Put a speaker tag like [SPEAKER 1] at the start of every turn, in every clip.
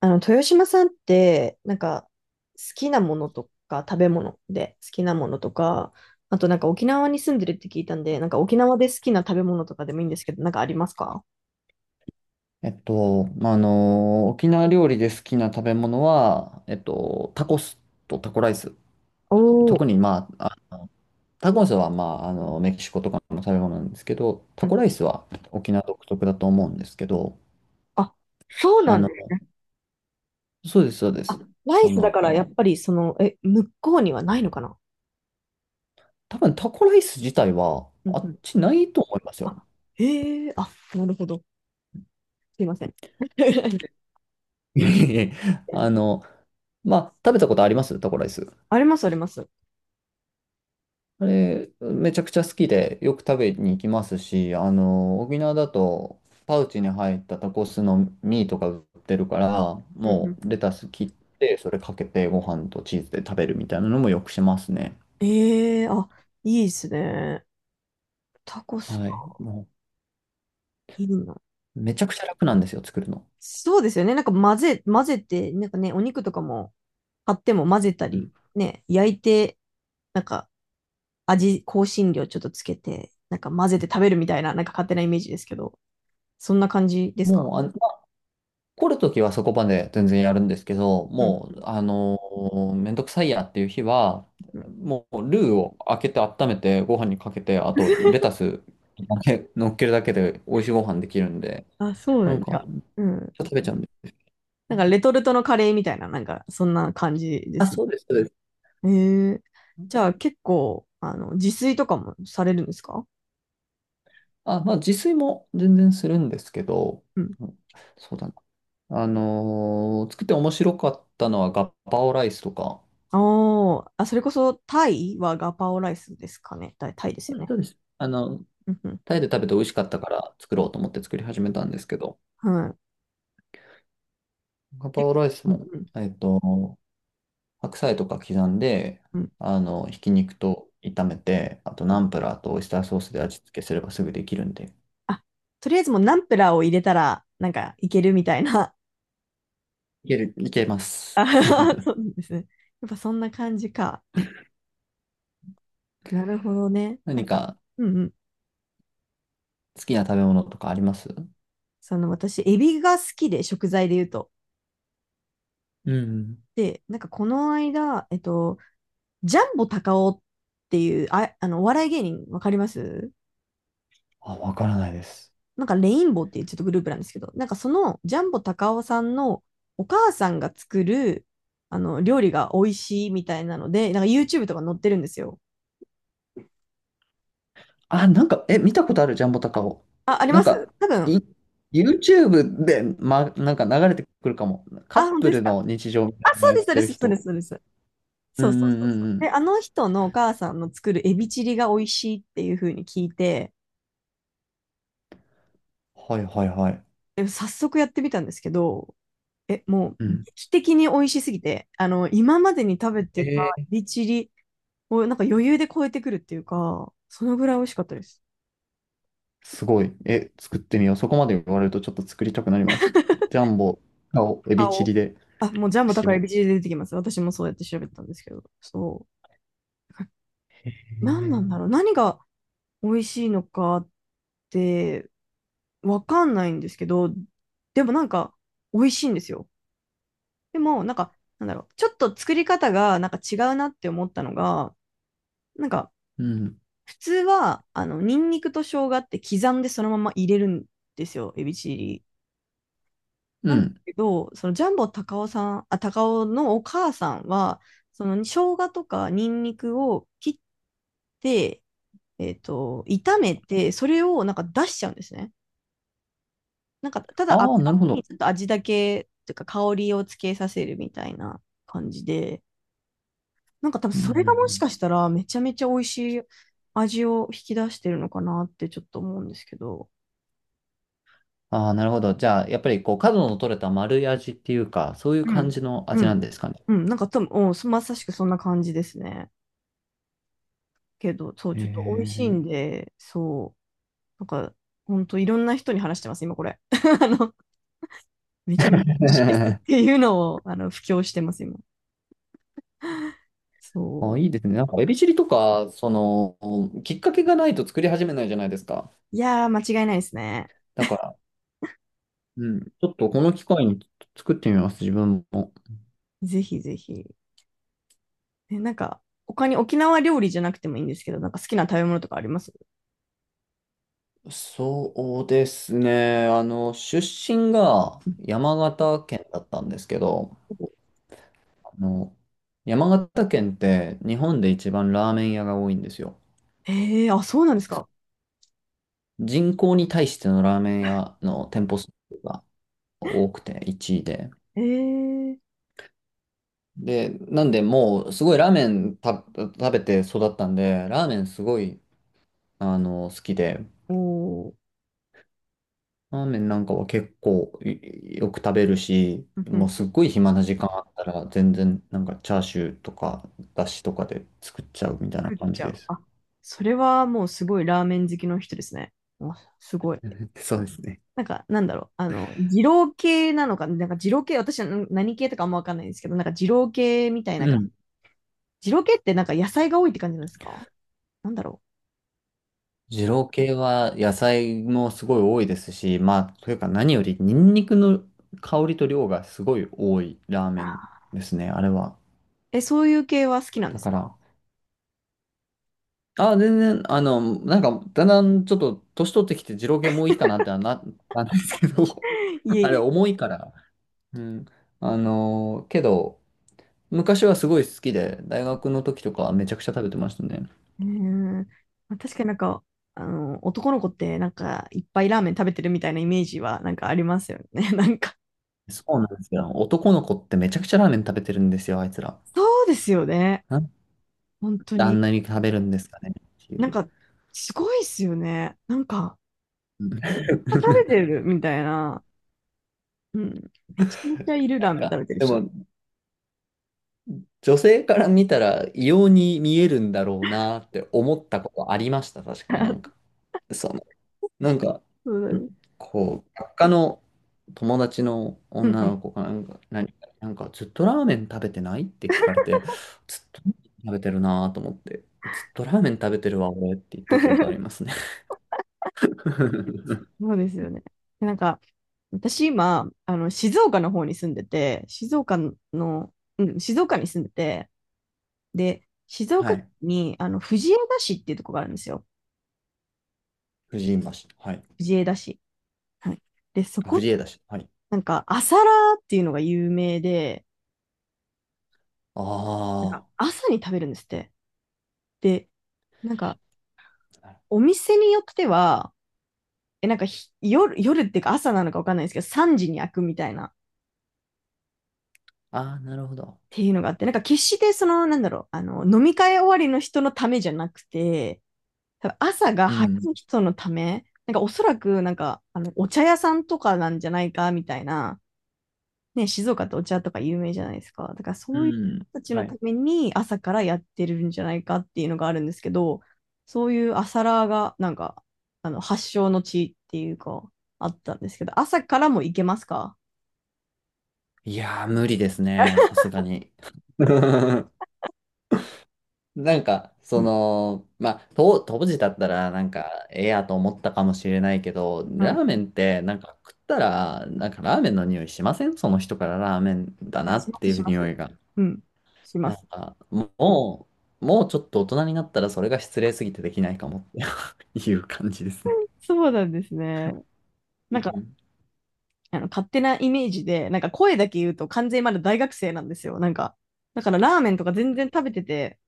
[SPEAKER 1] 豊島さんって、好きなものとか、食べ物で好きなものとか、あと沖縄に住んでるって聞いたんで、沖縄で好きな食べ物とかでもいいんですけど、ありますか？
[SPEAKER 2] 沖縄料理で好きな食べ物は、タコスとタコライス。
[SPEAKER 1] おー、
[SPEAKER 2] 特に、タコスは、メキシコとかの食べ物なんですけど、
[SPEAKER 1] う
[SPEAKER 2] タ
[SPEAKER 1] ん。
[SPEAKER 2] コライスは沖縄独特だと思うんですけど、
[SPEAKER 1] あ、そう
[SPEAKER 2] あ
[SPEAKER 1] なんで
[SPEAKER 2] の、
[SPEAKER 1] す。
[SPEAKER 2] そうです、そうで
[SPEAKER 1] あ、
[SPEAKER 2] す。
[SPEAKER 1] ライスだからやっぱりその、え、向こうにはないのかな？
[SPEAKER 2] 多分タコライス自体は、
[SPEAKER 1] うん
[SPEAKER 2] あ
[SPEAKER 1] う
[SPEAKER 2] っ
[SPEAKER 1] ん。
[SPEAKER 2] ちないと思いますよ。
[SPEAKER 1] あ、へえ、あ、なるほど。すいません。
[SPEAKER 2] いえいえあの、まあ、食べたことありますタコライス。
[SPEAKER 1] あります、あります。
[SPEAKER 2] あれ、めちゃくちゃ好きでよく食べに行きますし、沖縄だとパウチに入ったタコスのミーとか売ってるから、
[SPEAKER 1] うんう
[SPEAKER 2] も
[SPEAKER 1] んう
[SPEAKER 2] う
[SPEAKER 1] ん。
[SPEAKER 2] レタス切って、それかけてご飯とチーズで食べるみたいなのもよくしますね。
[SPEAKER 1] ええ、あ、いいですね。タコス
[SPEAKER 2] はい。
[SPEAKER 1] か。
[SPEAKER 2] も
[SPEAKER 1] いいな。
[SPEAKER 2] う、めちゃくちゃ楽なんですよ、作るの。
[SPEAKER 1] そうですよね。混ぜて、ね、お肉とかも買っても混ぜた
[SPEAKER 2] う
[SPEAKER 1] り、
[SPEAKER 2] ん、
[SPEAKER 1] ね、焼いて、なんか味、香辛料ちょっとつけて、混ぜて食べるみたいな、勝手なイメージですけど、そんな感じです
[SPEAKER 2] も
[SPEAKER 1] か？
[SPEAKER 2] う、あ、来るときはそこまで全然やるんですけど、
[SPEAKER 1] うん
[SPEAKER 2] も
[SPEAKER 1] う
[SPEAKER 2] う、
[SPEAKER 1] ん
[SPEAKER 2] めんどくさいやっていう日は、
[SPEAKER 1] うん。
[SPEAKER 2] もうルーを開けて温めてご飯にかけて、あとレタスだけ乗っけるだけで美味しいご飯できるんで、
[SPEAKER 1] あ、そうだ
[SPEAKER 2] な
[SPEAKER 1] よ
[SPEAKER 2] ん
[SPEAKER 1] ね。
[SPEAKER 2] か、
[SPEAKER 1] うん。
[SPEAKER 2] 食べちゃうんで。
[SPEAKER 1] レトルトのカレーみたいな、そんな感じで
[SPEAKER 2] あ、
[SPEAKER 1] すね。
[SPEAKER 2] そうです、そうです。
[SPEAKER 1] へえー、じゃあ結構、自炊とかもされるんですか？
[SPEAKER 2] あ、まあ自炊も全然するんですけど、
[SPEAKER 1] うん。
[SPEAKER 2] うん、そうだな。作って面白かったのはガッパオライスとか、
[SPEAKER 1] おー、あ、それこそタイはガパオライスですかね。タイです
[SPEAKER 2] そ
[SPEAKER 1] よ
[SPEAKER 2] うです、
[SPEAKER 1] ね。
[SPEAKER 2] そうです。あの、
[SPEAKER 1] うんうん。
[SPEAKER 2] タイで食べて美味しかったから作ろうと思って作り始めたんですけど、
[SPEAKER 1] は
[SPEAKER 2] ガ
[SPEAKER 1] い。
[SPEAKER 2] パ
[SPEAKER 1] で、
[SPEAKER 2] オライス
[SPEAKER 1] うん
[SPEAKER 2] も、
[SPEAKER 1] うん
[SPEAKER 2] 白菜とか刻んで、
[SPEAKER 1] うん
[SPEAKER 2] ひき肉と炒めて、あと
[SPEAKER 1] う
[SPEAKER 2] ナ
[SPEAKER 1] ん。
[SPEAKER 2] ンプラーとオイスターソースで味付けすればすぐできるんで。
[SPEAKER 1] あ、とりあえずもうナンプラーを入れたら、いけるみたいな。
[SPEAKER 2] いける、いけます。
[SPEAKER 1] あは は、そうなんですね。やっぱそんな感じか。なるほどね。
[SPEAKER 2] 何か
[SPEAKER 1] うんうん。
[SPEAKER 2] 好きな食べ物とかあります？
[SPEAKER 1] その私、エビが好きで、食材で言うと。
[SPEAKER 2] うん。
[SPEAKER 1] で、この間、ジャンボ高尾っていう、あ、あの、お笑い芸人、わかります？
[SPEAKER 2] あ、わからないです。
[SPEAKER 1] レインボーっていうちょっとグループなんですけど、そのジャンボ高尾さんのお母さんが作るあの料理が美味しいみたいなので、YouTube とか載ってるんですよ。
[SPEAKER 2] あ、なんか、見たことあるジャンボタカオ。
[SPEAKER 1] あ、あり
[SPEAKER 2] な
[SPEAKER 1] ま
[SPEAKER 2] ん
[SPEAKER 1] す
[SPEAKER 2] か、
[SPEAKER 1] 多分。
[SPEAKER 2] い、YouTube で、ま、なんか流れてくるかも。カ
[SPEAKER 1] あ、
[SPEAKER 2] ッ
[SPEAKER 1] 本当
[SPEAKER 2] プ
[SPEAKER 1] です
[SPEAKER 2] ル
[SPEAKER 1] か？
[SPEAKER 2] の日常みたい
[SPEAKER 1] あ、
[SPEAKER 2] なの
[SPEAKER 1] そう
[SPEAKER 2] やっ
[SPEAKER 1] です、そう
[SPEAKER 2] て
[SPEAKER 1] で
[SPEAKER 2] る
[SPEAKER 1] す、そうです、
[SPEAKER 2] 人。
[SPEAKER 1] そうです。
[SPEAKER 2] うん
[SPEAKER 1] そうそう
[SPEAKER 2] うん
[SPEAKER 1] そ
[SPEAKER 2] う
[SPEAKER 1] うそ
[SPEAKER 2] ん
[SPEAKER 1] う。
[SPEAKER 2] う
[SPEAKER 1] で、
[SPEAKER 2] ん。
[SPEAKER 1] あの人のお母さんの作るエビチリが美味しいっていう風に聞いて、
[SPEAKER 2] はいはいはい。
[SPEAKER 1] で早速やってみたんですけど、え、もう
[SPEAKER 2] うん。
[SPEAKER 1] 劇的に美味しすぎて、あの、今までに食べてた
[SPEAKER 2] え
[SPEAKER 1] エ
[SPEAKER 2] ー、
[SPEAKER 1] ビチリを余裕で超えてくるっていうか、そのぐらい美味しかったです。
[SPEAKER 2] すごい。え、作ってみよう。そこまで言われるとちょっと作りたくなります。ジャンボ、カオ、エビチ
[SPEAKER 1] 顔。
[SPEAKER 2] リで、
[SPEAKER 1] あ、もうジャンボ
[SPEAKER 2] し
[SPEAKER 1] 高いエ
[SPEAKER 2] よ
[SPEAKER 1] ビチリで出てきます。私もそうやって調べたんですけど。そう。
[SPEAKER 2] う。へ
[SPEAKER 1] 何なんだ
[SPEAKER 2] ー、
[SPEAKER 1] ろう。何が美味しいのかってわかんないんですけど、でも美味しいんですよ。でもなんだろう。ちょっと作り方が違うなって思ったのが、なんか
[SPEAKER 2] うん。
[SPEAKER 1] 普通は、ニンニクと生姜って刻んでそのまま入れるんですよ。エビチリ
[SPEAKER 2] う
[SPEAKER 1] なんだ
[SPEAKER 2] ん。
[SPEAKER 1] けど、そのジャンボ高尾さん、あ、高尾のお母さんは、その生姜とかニンニクを切って、炒めて、それを出しちゃうんですね。ただ油
[SPEAKER 2] ああ、なるほ
[SPEAKER 1] に
[SPEAKER 2] ど。
[SPEAKER 1] ちょっと味だけ、というか香りをつけさせるみたいな感じで、多分
[SPEAKER 2] うんうん
[SPEAKER 1] そ
[SPEAKER 2] う
[SPEAKER 1] れがもしか
[SPEAKER 2] ん、
[SPEAKER 1] したらめちゃめちゃ美味しい味を引き出してるのかなってちょっと思うんですけど。
[SPEAKER 2] ああ、なるほど。じゃあ、やっぱりこう、角の取れた丸い味っていうか、そういう
[SPEAKER 1] う
[SPEAKER 2] 感
[SPEAKER 1] ん、
[SPEAKER 2] じの
[SPEAKER 1] う
[SPEAKER 2] 味な
[SPEAKER 1] ん、
[SPEAKER 2] んですかね。
[SPEAKER 1] うん、多分、うん、まさしくそんな感じですね。けど、そう、ちょっと美味しい
[SPEAKER 2] へ
[SPEAKER 1] んで、そう、ほんといろんな人に話してます、今これ。あの、めち
[SPEAKER 2] え。
[SPEAKER 1] ゃめちゃ美味しいですっ ていうのを、あの、布教してます、今。そ
[SPEAKER 2] あ、いいですね。なんか、エビチリとか、きっかけがないと作り始めないじゃないですか。
[SPEAKER 1] う。いやー、間違いないですね。
[SPEAKER 2] だから、うん、ちょっとこの機会に作ってみます、自分も。
[SPEAKER 1] ぜひぜひ。え、他に沖縄料理じゃなくてもいいんですけど、好きな食べ物とかあります？
[SPEAKER 2] そうですね。あの、出身が山形県だったんですけど、あの、山形県って日本で一番ラーメン屋が多いんですよ。
[SPEAKER 1] ええー、あ、そうなんですか。
[SPEAKER 2] そ人口に対してのラーメン屋の店舗数が多くて1位で。
[SPEAKER 1] ええー、
[SPEAKER 2] で、なんでもうすごいラーメン食べて育ったんで、ラーメンすごいあの好きで、
[SPEAKER 1] おー、
[SPEAKER 2] ラーメンは結構よく食べるし、
[SPEAKER 1] うんう
[SPEAKER 2] もう
[SPEAKER 1] んう
[SPEAKER 2] すっ
[SPEAKER 1] ん。
[SPEAKER 2] ごい暇な時間あったら全然なんかチャーシューとかだしとか
[SPEAKER 1] あ、
[SPEAKER 2] で作っちゃうみたいな
[SPEAKER 1] 作っ
[SPEAKER 2] 感
[SPEAKER 1] ち
[SPEAKER 2] じ
[SPEAKER 1] ゃ
[SPEAKER 2] で
[SPEAKER 1] う。
[SPEAKER 2] す。
[SPEAKER 1] あ、それはもうすごいラーメン好きの人ですね。あ、すごい。
[SPEAKER 2] そうですね。
[SPEAKER 1] あの、二郎系なのか、二郎系、私はん何系とかあんまわかんないんですけど、二郎系みたい
[SPEAKER 2] う
[SPEAKER 1] なか、
[SPEAKER 2] ん。
[SPEAKER 1] 二郎系って野菜が多いって感じなんですか？なんだろ
[SPEAKER 2] 二郎系は野菜もすごい多いですし、まあ、というか何よりニンニクの香りと量がすごい多いラーメンですね、あれは。
[SPEAKER 1] う。え、そういう系は好きなんで
[SPEAKER 2] だ
[SPEAKER 1] す
[SPEAKER 2] から、
[SPEAKER 1] か？
[SPEAKER 2] あ、全然、だんだんちょっと年取ってきて二郎系もういいかなってはな、なんですけど、
[SPEAKER 1] いえ
[SPEAKER 2] あ
[SPEAKER 1] い
[SPEAKER 2] れ
[SPEAKER 1] え。
[SPEAKER 2] 重いから。うん。けど、昔はすごい好きで、大学の時とかはめちゃくちゃ食べてましたね。
[SPEAKER 1] うーん。まあ確かにあの、男の子っていっぱいラーメン食べてるみたいなイメージはありますよね。なんか、
[SPEAKER 2] そうなんですよ。男の子ってめちゃくちゃラーメン食べてるんですよ、あいつら。
[SPEAKER 1] そうですよね。
[SPEAKER 2] なんで
[SPEAKER 1] 本当
[SPEAKER 2] あ
[SPEAKER 1] に。
[SPEAKER 2] んなに食べるんですかねってい
[SPEAKER 1] なん
[SPEAKER 2] う。
[SPEAKER 1] か、すごいですよね。なんか、
[SPEAKER 2] うん なん
[SPEAKER 1] 食べてるみたいな。うん。めちゃめちゃいるラーメン食
[SPEAKER 2] か、
[SPEAKER 1] べてる
[SPEAKER 2] で
[SPEAKER 1] 人。
[SPEAKER 2] も、女性から見たら異様に見えるんだろうなって思ったことありました、確かになん か。そのなんか、
[SPEAKER 1] そうな
[SPEAKER 2] ん
[SPEAKER 1] んです。
[SPEAKER 2] こう、学科の友達の
[SPEAKER 1] うん
[SPEAKER 2] 女
[SPEAKER 1] うん。
[SPEAKER 2] の子がなんか、ずっとラーメン食べてないって聞かれて、ずっとラーメン食べてるなと思って、ずっとラーメン食べてるわ、俺って言った記憶ありま すね。
[SPEAKER 1] そうですよね。で私今、あの、静岡の方に住んでて、静岡に住んでて、で、静
[SPEAKER 2] は
[SPEAKER 1] 岡県
[SPEAKER 2] い。
[SPEAKER 1] に、あの、藤枝市っていうとこがあるんですよ。
[SPEAKER 2] 藤井橋。はい。
[SPEAKER 1] 藤枝市。はい。で、そ
[SPEAKER 2] あ、
[SPEAKER 1] こ、
[SPEAKER 2] 藤枝市。はい。
[SPEAKER 1] 朝ラーっていうのが有名で、
[SPEAKER 2] あ
[SPEAKER 1] 朝に食べるんですって。で、なんか、
[SPEAKER 2] あ。
[SPEAKER 1] お店によっては、え、なんかひ、夜、夜っていうか朝なのかわかんないですけど、3時に開くみたいな
[SPEAKER 2] ああ、なるほど。
[SPEAKER 1] ていうのがあって、決してその、なんだろう、あの、飲み会終わりの人のためじゃなくて、多分朝が
[SPEAKER 2] う
[SPEAKER 1] 早
[SPEAKER 2] ん。
[SPEAKER 1] い人のため、おそらくあの、お茶屋さんとかなんじゃないかみたいな、ね、静岡ってお茶とか有名じゃないですか。だから
[SPEAKER 2] う
[SPEAKER 1] そういう人
[SPEAKER 2] ん。
[SPEAKER 1] たちの
[SPEAKER 2] は
[SPEAKER 1] た
[SPEAKER 2] い。
[SPEAKER 1] めに朝からやってるんじゃないかっていうのがあるんですけど、そういう朝ラーがあの、発祥の地っていうか、あったんですけど、朝からも行けますか？
[SPEAKER 2] いやー、無理ですね。さすがに。
[SPEAKER 1] うん。
[SPEAKER 2] まあ、と当時だったら、なんか、ええやと思ったかもしれないけど、
[SPEAKER 1] う
[SPEAKER 2] ラ
[SPEAKER 1] ん。
[SPEAKER 2] ーメンって、なんか食ったら、なんかラーメンの匂いしません？その人からラーメンだ
[SPEAKER 1] あ、
[SPEAKER 2] な
[SPEAKER 1] し
[SPEAKER 2] っ
[SPEAKER 1] ま
[SPEAKER 2] て
[SPEAKER 1] す、
[SPEAKER 2] い
[SPEAKER 1] し
[SPEAKER 2] う
[SPEAKER 1] ま
[SPEAKER 2] 匂
[SPEAKER 1] す。
[SPEAKER 2] いが。
[SPEAKER 1] うん。しま
[SPEAKER 2] なん
[SPEAKER 1] す。
[SPEAKER 2] か、もう、もうちょっと大人になったら、それが失礼すぎてできないかもって いう感じですね。
[SPEAKER 1] そうなんですね。
[SPEAKER 2] う
[SPEAKER 1] なんか、
[SPEAKER 2] ん。
[SPEAKER 1] あの、勝手なイメージで、声だけ言うと完全にまだ大学生なんですよ。だからラーメンとか全然食べてて、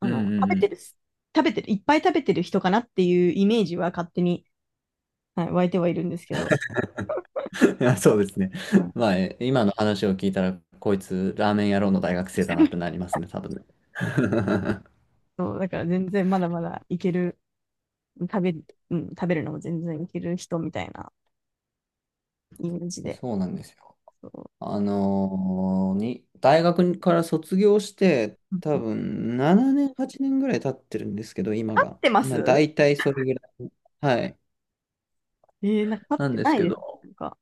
[SPEAKER 1] あ
[SPEAKER 2] うん
[SPEAKER 1] の、
[SPEAKER 2] うん
[SPEAKER 1] 食
[SPEAKER 2] う
[SPEAKER 1] べて
[SPEAKER 2] ん。
[SPEAKER 1] るす、食べてる、いっぱい食べてる人かなっていうイメージは勝手に、はい、湧いてはいるんですけど、
[SPEAKER 2] いや、そうですね。
[SPEAKER 1] うん、
[SPEAKER 2] まあ、え今の話を聞いたら、こいつ、ラーメン野郎の大学生だなって なりますね、多分ね。
[SPEAKER 1] そう、だから全然まだまだいける、食べる、うん、食べるのも全然いける人みたいなイメージで。
[SPEAKER 2] そうなんですよ。
[SPEAKER 1] そう。
[SPEAKER 2] あのーに、大学から卒業して、
[SPEAKER 1] うん、
[SPEAKER 2] 多
[SPEAKER 1] 立
[SPEAKER 2] 分7年、8年ぐらい経ってるんですけど、今
[SPEAKER 1] っ
[SPEAKER 2] が。
[SPEAKER 1] てま
[SPEAKER 2] まあ、
[SPEAKER 1] す？
[SPEAKER 2] 大体それぐらい。はい。
[SPEAKER 1] えー、なんか立
[SPEAKER 2] なん
[SPEAKER 1] って
[SPEAKER 2] です
[SPEAKER 1] ない
[SPEAKER 2] け
[SPEAKER 1] です。
[SPEAKER 2] ど、
[SPEAKER 1] なんか。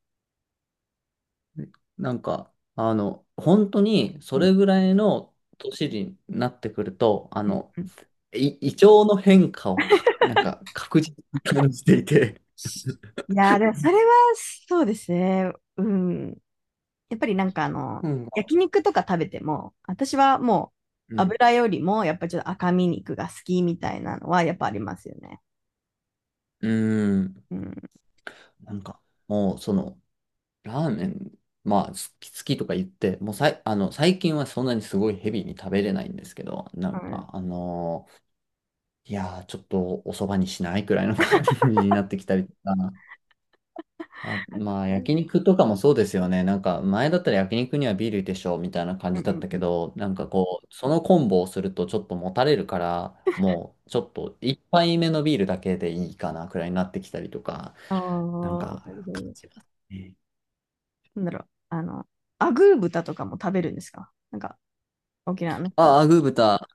[SPEAKER 2] なんか、あの、本当にそ
[SPEAKER 1] うん
[SPEAKER 2] れぐらいの年になってくると、あ
[SPEAKER 1] うん
[SPEAKER 2] の、
[SPEAKER 1] うん。
[SPEAKER 2] 胃腸の変化をか、なんか確実に感じていて、
[SPEAKER 1] いやー、でもそれはそうですね。うん。やっぱりなんかあの、
[SPEAKER 2] うん、
[SPEAKER 1] 焼肉とか食べても、私はも
[SPEAKER 2] う
[SPEAKER 1] う
[SPEAKER 2] ん、
[SPEAKER 1] 油よりもやっぱちょっと赤身肉が好きみたいなのはやっぱありますよね。
[SPEAKER 2] うん、
[SPEAKER 1] うん。
[SPEAKER 2] なんか、もうその、ラーメン、まあ、好きとか言って、もうさい、あの、最近はそんなにすごいヘビーに食べれないんですけど、
[SPEAKER 1] はい。
[SPEAKER 2] いやー、ちょっとお蕎麦にしないくらいの感じになってきたりとか、あ、まあ、
[SPEAKER 1] うん
[SPEAKER 2] 焼肉とかもそうですよね。なんか、前だったら焼肉にはビールでしょ、みたいな感
[SPEAKER 1] う
[SPEAKER 2] じだっ
[SPEAKER 1] ん
[SPEAKER 2] た
[SPEAKER 1] う
[SPEAKER 2] け
[SPEAKER 1] ん。
[SPEAKER 2] ど、なんかこう、そのコンボをするとちょっともたれるから、もう、ちょっと一杯目のビールだけでいいかな、くらいになってきたりとか、
[SPEAKER 1] ああ、
[SPEAKER 2] なん
[SPEAKER 1] なる
[SPEAKER 2] か、
[SPEAKER 1] ほ
[SPEAKER 2] 感じま
[SPEAKER 1] ど。
[SPEAKER 2] すね。
[SPEAKER 1] なんだろう。あの、アグー豚とかも食べるんですか？なんか、沖縄の人は。
[SPEAKER 2] ああ、グー豚。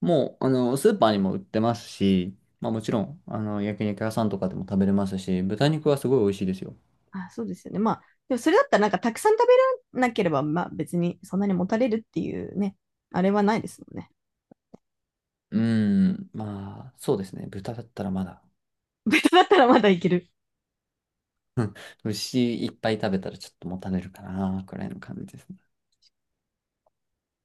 [SPEAKER 2] もう、あの、スーパーにも売ってますし、まあもちろん、あの、焼肉屋さんとかでも食べれますし、豚肉はすごい美味しいですよ。
[SPEAKER 1] あ、そうですよね。まあ、でもそれだったらなんかたくさん食べらなければ、まあ別にそんなにもたれるっていうね、あれはないですもんね。
[SPEAKER 2] うーん、まあ、そうですね。豚だったらまだ。
[SPEAKER 1] 豚だったらまだいける。
[SPEAKER 2] うん、牛いっぱい食べたらちょっともたれるかな、くらいの感じですね。